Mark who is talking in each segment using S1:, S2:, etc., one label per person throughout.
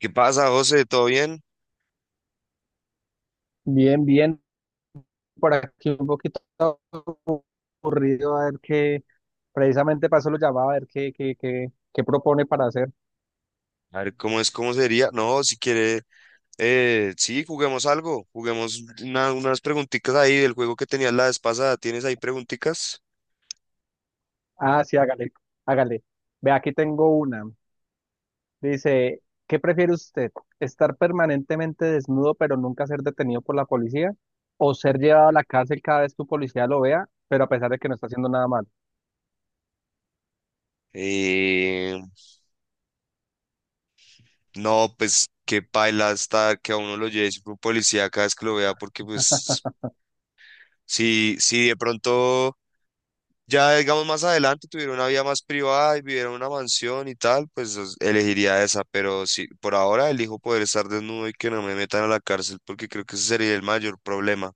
S1: ¿Qué pasa, José? ¿Todo bien?
S2: Bien, bien, por aquí un poquito aburrido, a ver qué, precisamente para eso lo llamaba, a ver qué propone para hacer.
S1: A ver, ¿cómo es? ¿Cómo sería? No, si quiere, sí, juguemos algo. Juguemos unas preguntitas ahí del juego que tenías la vez pasada. ¿Tienes ahí preguntitas?
S2: Ah, sí, hágale, hágale. Ve, aquí tengo una. Dice, ¿qué prefiere usted? ¿Estar permanentemente desnudo pero nunca ser detenido por la policía? ¿O ser llevado a la cárcel cada vez que un policía lo vea, pero a pesar de que no está haciendo nada malo?
S1: Eh, no, pues qué paila está que a uno lo lleve siempre un policía cada vez que lo vea, porque pues si de pronto ya, digamos, más adelante tuvieron una vida más privada y vivieron en una mansión y tal, pues elegiría esa, pero sí, por ahora elijo poder estar desnudo y que no me metan a la cárcel, porque creo que ese sería el mayor problema.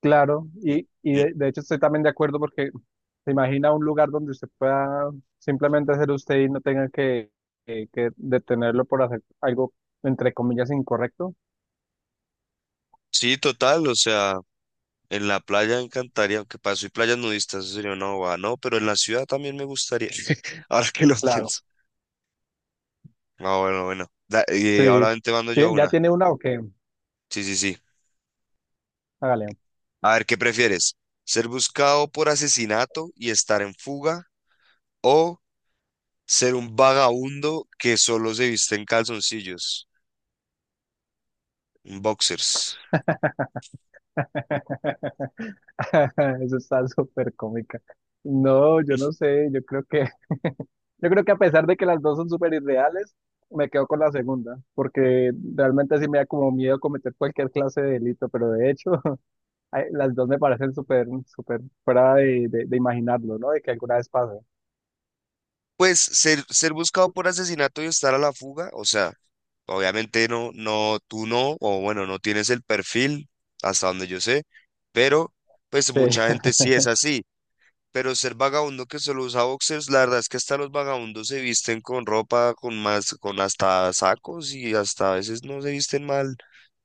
S2: Claro,
S1: Y-
S2: y, y
S1: mm,
S2: de, de hecho estoy también de acuerdo porque se imagina un lugar donde usted pueda simplemente ser usted y no tenga que detenerlo por hacer algo, entre comillas, incorrecto.
S1: Sí, total, o sea, en la playa me encantaría, aunque para soy playas nudistas, eso sería una bobada, no, pero en la ciudad también me gustaría, ahora que lo
S2: Claro,
S1: pienso. Ah, bueno, bueno,
S2: sí.
S1: ahora te mando yo
S2: ¿Ya
S1: una,
S2: tiene una o qué?
S1: sí, sí, sí.
S2: Hágale.
S1: A ver, ¿qué prefieres? ¿Ser buscado por asesinato y estar en fuga? ¿O ser un vagabundo que solo se viste en calzoncillos, en boxers?
S2: Eso está súper cómica. No, yo no sé, yo creo que, yo creo que a pesar de que las dos son súper irreales, me quedo con la segunda, porque realmente sí me da como miedo cometer cualquier clase de delito, pero de hecho... Ay, las dos me parecen súper, súper fuera de imaginarlo, ¿no? De que alguna vez pase.
S1: Pues ser buscado por asesinato y estar a la fuga, o sea, obviamente no, no, tú no, o bueno, no tienes el perfil, hasta donde yo sé, pero pues
S2: Sí,
S1: mucha gente sí es así. Pero ser vagabundo que solo usa boxers, la verdad es que hasta los vagabundos se visten con ropa, con más, con hasta sacos y hasta a veces no se visten mal.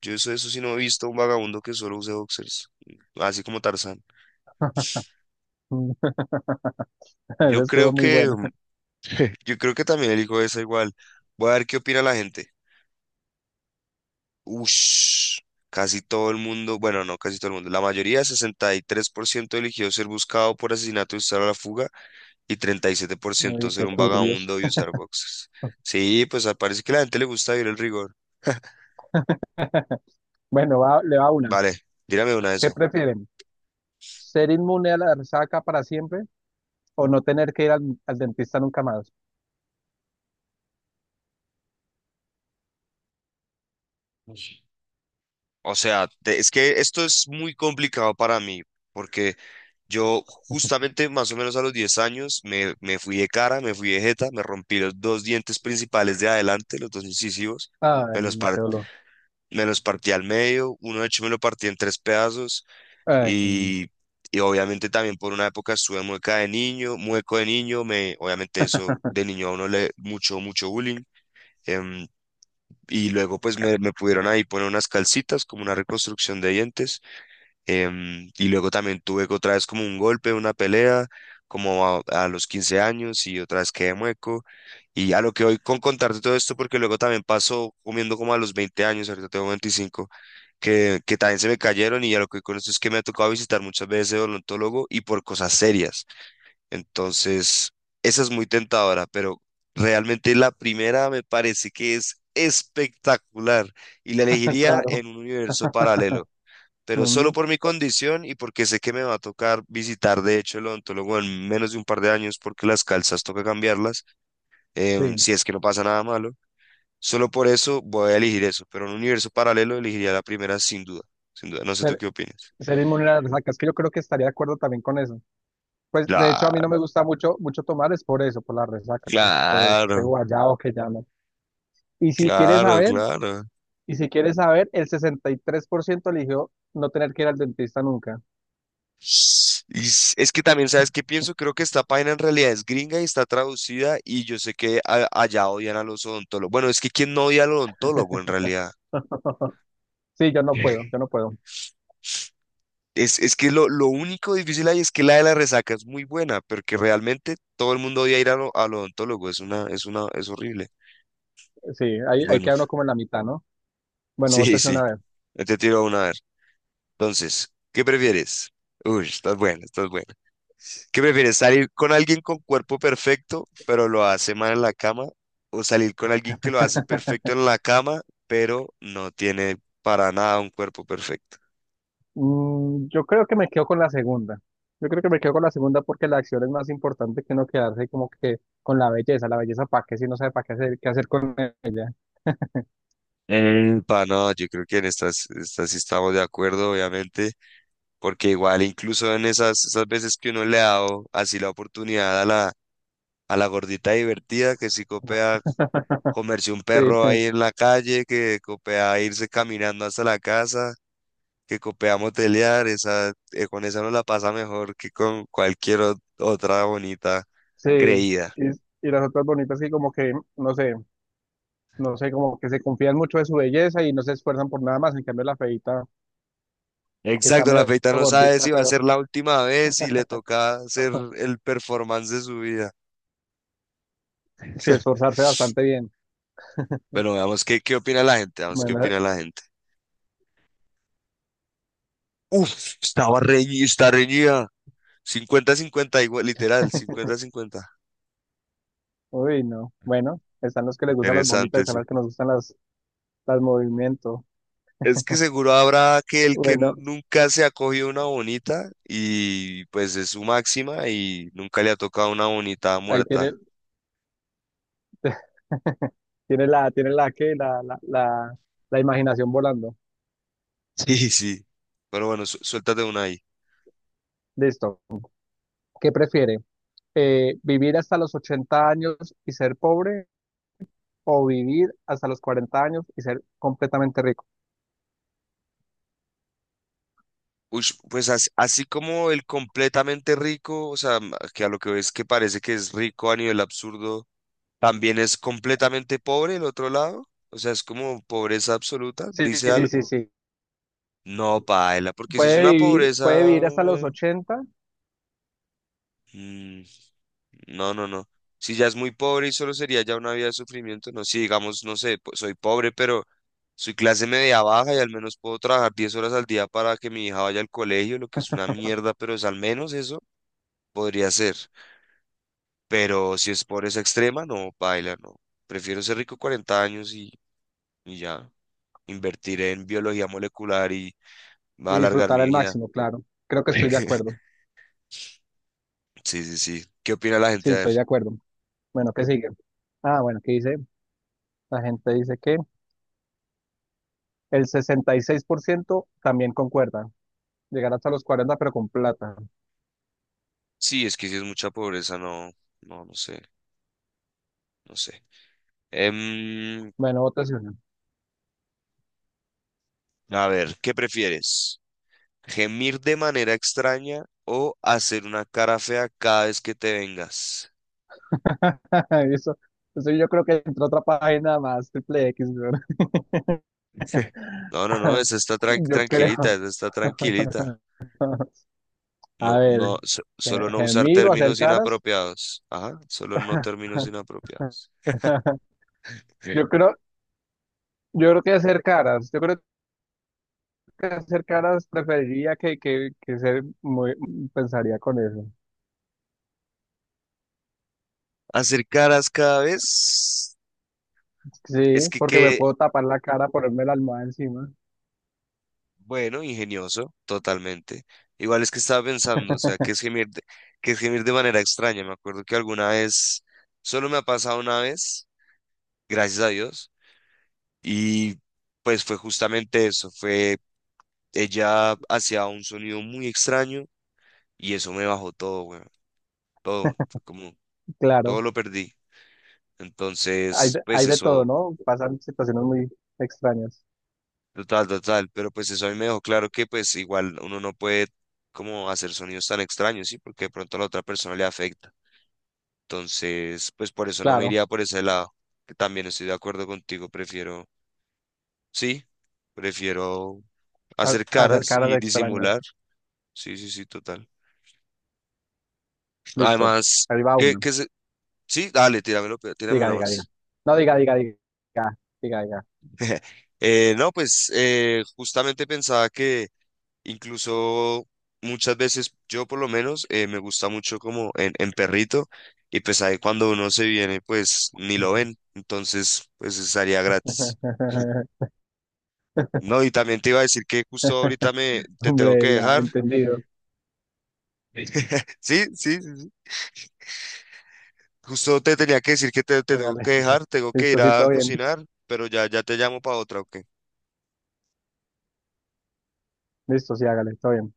S1: Yo eso, eso sí no he visto un vagabundo que solo use boxers, así como Tarzán.
S2: esa
S1: Yo
S2: estuvo
S1: creo
S2: muy
S1: que,
S2: buena.
S1: yo creo que también elijo esa igual. Voy a ver qué opina la gente. Ush, casi todo el mundo, bueno, no casi todo el mundo, la mayoría, 63% eligió ser buscado por asesinato y usar a la fuga y treinta y siete por
S2: Uy,
S1: ciento ser
S2: qué
S1: un
S2: turbios.
S1: vagabundo y usar boxes. Sí, pues ah, parece que a la gente le gusta vivir el rigor.
S2: Bueno, le va una.
S1: Vale, dígame una de
S2: ¿Qué
S1: eso.
S2: prefieren? ¿Ser inmune a la resaca para siempre o no tener que ir al, al dentista nunca más?
S1: Ush. O sea, es que esto es muy complicado para mí, porque yo justamente más o menos a los 10 años me fui de cara, me fui de jeta, me rompí los dos dientes principales de adelante, los dos incisivos, me
S2: Ay,
S1: los,
S2: no,
S1: par-
S2: qué dolor.
S1: me los partí al medio, uno de hecho me lo partí en tres pedazos
S2: Ay,
S1: y, y obviamente también por una época estuve mueca de niño, mueco de niño, me, obviamente eso de niño a uno le mucho bullying. em, y luego pues me pudieron ahí poner unas calcitas como una reconstrucción de dientes. Y luego también tuve otra vez como un golpe, una pelea, como a los 15 años y otra vez quedé mueco. Y a lo que voy con contarte todo esto, porque luego también pasó comiendo como a los 20 años, ahorita tengo 25 que también se me cayeron, y a lo que voy con esto es que me ha tocado visitar muchas veces el odontólogo y por cosas serias. Entonces, esa es muy tentadora, pero realmente la primera me parece que es espectacular y la elegiría
S2: claro.
S1: en un universo paralelo, pero solo
S2: Mm,
S1: por mi condición y porque sé que me va a tocar visitar, de hecho, el odontólogo en menos de un par de años porque las calzas toca cambiarlas,
S2: sí,
S1: si es que no pasa nada malo. Solo por eso voy a elegir eso, pero en un universo paralelo elegiría la primera sin duda, sin duda. No sé tú
S2: ser,
S1: qué opinas.
S2: ser inmune a la resaca. Es que yo creo que estaría de acuerdo también con eso. Pues de hecho a mí no me
S1: Claro,
S2: gusta mucho, mucho tomar, es por eso, por la resaca, por ese
S1: claro,
S2: guayabo que llaman. Y si quieres
S1: claro,
S2: saber,
S1: claro.
S2: y si quieres saber, el 63% eligió no tener que ir al dentista nunca.
S1: Y es que también, ¿sabes qué pienso? Creo que esta página en realidad es gringa y está traducida y yo sé que allá odian a los odontólogos. Bueno, es que ¿quién no odia al odontólogo en realidad?
S2: Sí, yo no puedo.
S1: Es que lo único difícil ahí es que la de la resaca es muy buena, pero que realmente todo el mundo odia ir a al odontólogo. Es una, es horrible.
S2: Sí, ahí
S1: Bueno,
S2: queda uno como en la mitad, ¿no? Bueno,
S1: sí,
S2: vótese
S1: sí.
S2: una vez.
S1: Yo te tiro una a ver. Entonces, ¿qué prefieres? Uy, estás buena, estás buena. ¿Qué prefieres? ¿Salir con alguien con cuerpo perfecto, pero lo hace mal en la cama? ¿O salir con alguien que lo hace perfecto en la cama, pero no tiene para nada un cuerpo perfecto?
S2: Mm, yo creo que me quedo con la segunda. Yo creo que me quedo con la segunda porque la acción es más importante que no quedarse como que con la belleza. La belleza, ¿para qué? Si no sabe para qué hacer con ella.
S1: No, yo creo que en estas sí estamos de acuerdo, obviamente. Porque igual incluso en esas veces que uno le ha dado así la oportunidad a a la gordita divertida que sí copea comerse un
S2: Sí,
S1: perro ahí en la calle, que copea irse caminando hasta la casa, que copea motelear, esa, con esa no la pasa mejor que con cualquier otra bonita
S2: sí.
S1: creída.
S2: Y, y las otras bonitas que como que, no sé, como que se confían mucho de su belleza y no se esfuerzan por nada más. En cambio, la feita, que está
S1: Exacto, la
S2: medio
S1: feita no sabe
S2: gordita,
S1: si va a
S2: pero
S1: ser la última vez y le toca hacer el performance de su vida.
S2: sí esforzarse bastante bien.
S1: Bueno, veamos qué opina la gente, veamos qué
S2: Bueno,
S1: opina la gente. Uf, estaba reñida, está reñida. Cincuenta-cincuenta igual, literal, cincuenta-cincuenta.
S2: uy, no. Bueno, están los que les gustan las bonitas,
S1: Interesante,
S2: están
S1: sí.
S2: las que nos gustan las movimientos.
S1: Es que seguro habrá aquel que
S2: Bueno,
S1: nunca se ha cogido una bonita y pues es su máxima y nunca le ha tocado una bonita
S2: ahí tiene,
S1: muerta.
S2: tiene la que, la imaginación volando.
S1: Sí, sí. Pero bueno, suéltate una ahí.
S2: Listo. ¿Qué prefiere? ¿Vivir hasta los 80 años y ser pobre o vivir hasta los 40 años y ser completamente rico?
S1: Ush, pues así, como el completamente rico, o sea, que a lo que ves que parece que es rico a nivel absurdo, también es completamente pobre el otro lado, o sea, es como pobreza absoluta,
S2: Sí,
S1: dice
S2: sí, sí,
S1: algo.
S2: sí.
S1: No, paila, porque si es una
S2: Puede
S1: pobreza...
S2: vivir hasta los 80
S1: mm, no, no, no. Si ya es muy pobre y solo sería ya una vida de sufrimiento, no, si digamos, no sé, pues soy pobre, pero soy clase media baja y al menos puedo trabajar 10 horas al día para que mi hija vaya al colegio, lo que es una mierda, pero es al menos eso, podría ser. Pero si es pobreza extrema, no, paila, no. Prefiero ser rico 40 años y ya. Invertiré en biología molecular y va a
S2: y
S1: alargar
S2: disfrutar
S1: mi
S2: al
S1: vida.
S2: máximo, claro. Creo que estoy de acuerdo.
S1: Sí, sí, sí. ¿Qué opina la
S2: Sí,
S1: gente? A ver.
S2: estoy de acuerdo. Bueno, ¿qué sigue? Ah, bueno, ¿qué dice? La gente dice que el 66% también concuerda. Llegar hasta los 40 pero con plata.
S1: Sí, es que si es mucha pobreza, no, no, no sé, no sé. Em,
S2: Bueno, votación.
S1: a ver, ¿qué prefieres? ¿Gemir de manera extraña o hacer una cara fea cada vez que te vengas?
S2: Eso, eso yo creo que entró otra página más, triple X, weón.
S1: No, no, no, esa está
S2: Yo
S1: tranquilita,
S2: creo.
S1: esa está tranquilita. No,
S2: A
S1: no,
S2: ver,
S1: solo no usar
S2: gemir o hacer
S1: términos
S2: caras.
S1: inapropiados. Ajá, solo no términos inapropiados.
S2: Yo creo, yo creo que hacer caras. Yo creo hacer caras preferiría que ser muy, pensaría con eso.
S1: Hacer caras cada vez
S2: Sí,
S1: es que
S2: porque me
S1: qué
S2: puedo tapar la cara, ponerme la almohada encima.
S1: bueno, ingenioso, totalmente. Igual es que estaba pensando, o sea, que es gemir de manera extraña. Me acuerdo que alguna vez, solo me ha pasado una vez, gracias a Dios, y pues fue justamente eso, fue ella hacía un sonido muy extraño y eso me bajó todo, bueno, todo, fue como,
S2: Claro,
S1: todo lo perdí. Entonces, pues
S2: hay de todo,
S1: eso
S2: ¿no? Pasan situaciones muy extrañas.
S1: total, total, pero pues eso a mí me dejó claro que pues igual uno no puede como hacer sonidos tan extraños, ¿sí? Porque de pronto a la otra persona le afecta. Entonces, pues por eso no me
S2: Claro,
S1: iría por ese lado, que también estoy de acuerdo contigo, prefiero, sí, prefiero hacer
S2: hacer
S1: caras
S2: caras
S1: y disimular.
S2: extrañas.
S1: Sí, sí, sí, total.
S2: Listo,
S1: Además,
S2: ahí va
S1: que,
S2: una.
S1: que se... sí, dale, tírame
S2: Diga,
S1: una
S2: diga, diga.
S1: más.
S2: No, diga, diga, diga. Diga, diga.
S1: No, pues justamente pensaba que incluso muchas veces, yo por lo menos, me gusta mucho como en perrito y pues ahí cuando uno se viene, pues ni lo ven, entonces pues estaría gratis. No, y también te iba a decir que justo ahorita me te tengo que
S2: Hombre, ya,
S1: dejar.
S2: entendido.
S1: Sí, sí, sí, sí. Justo te tenía que decir que te tengo
S2: Hágale.
S1: que dejar, tengo que
S2: Listo,
S1: ir
S2: sí,
S1: a
S2: todo bien.
S1: cocinar, pero ya, ya te llamo para otra, ¿ok?
S2: Listo, sí, hágale, todo bien.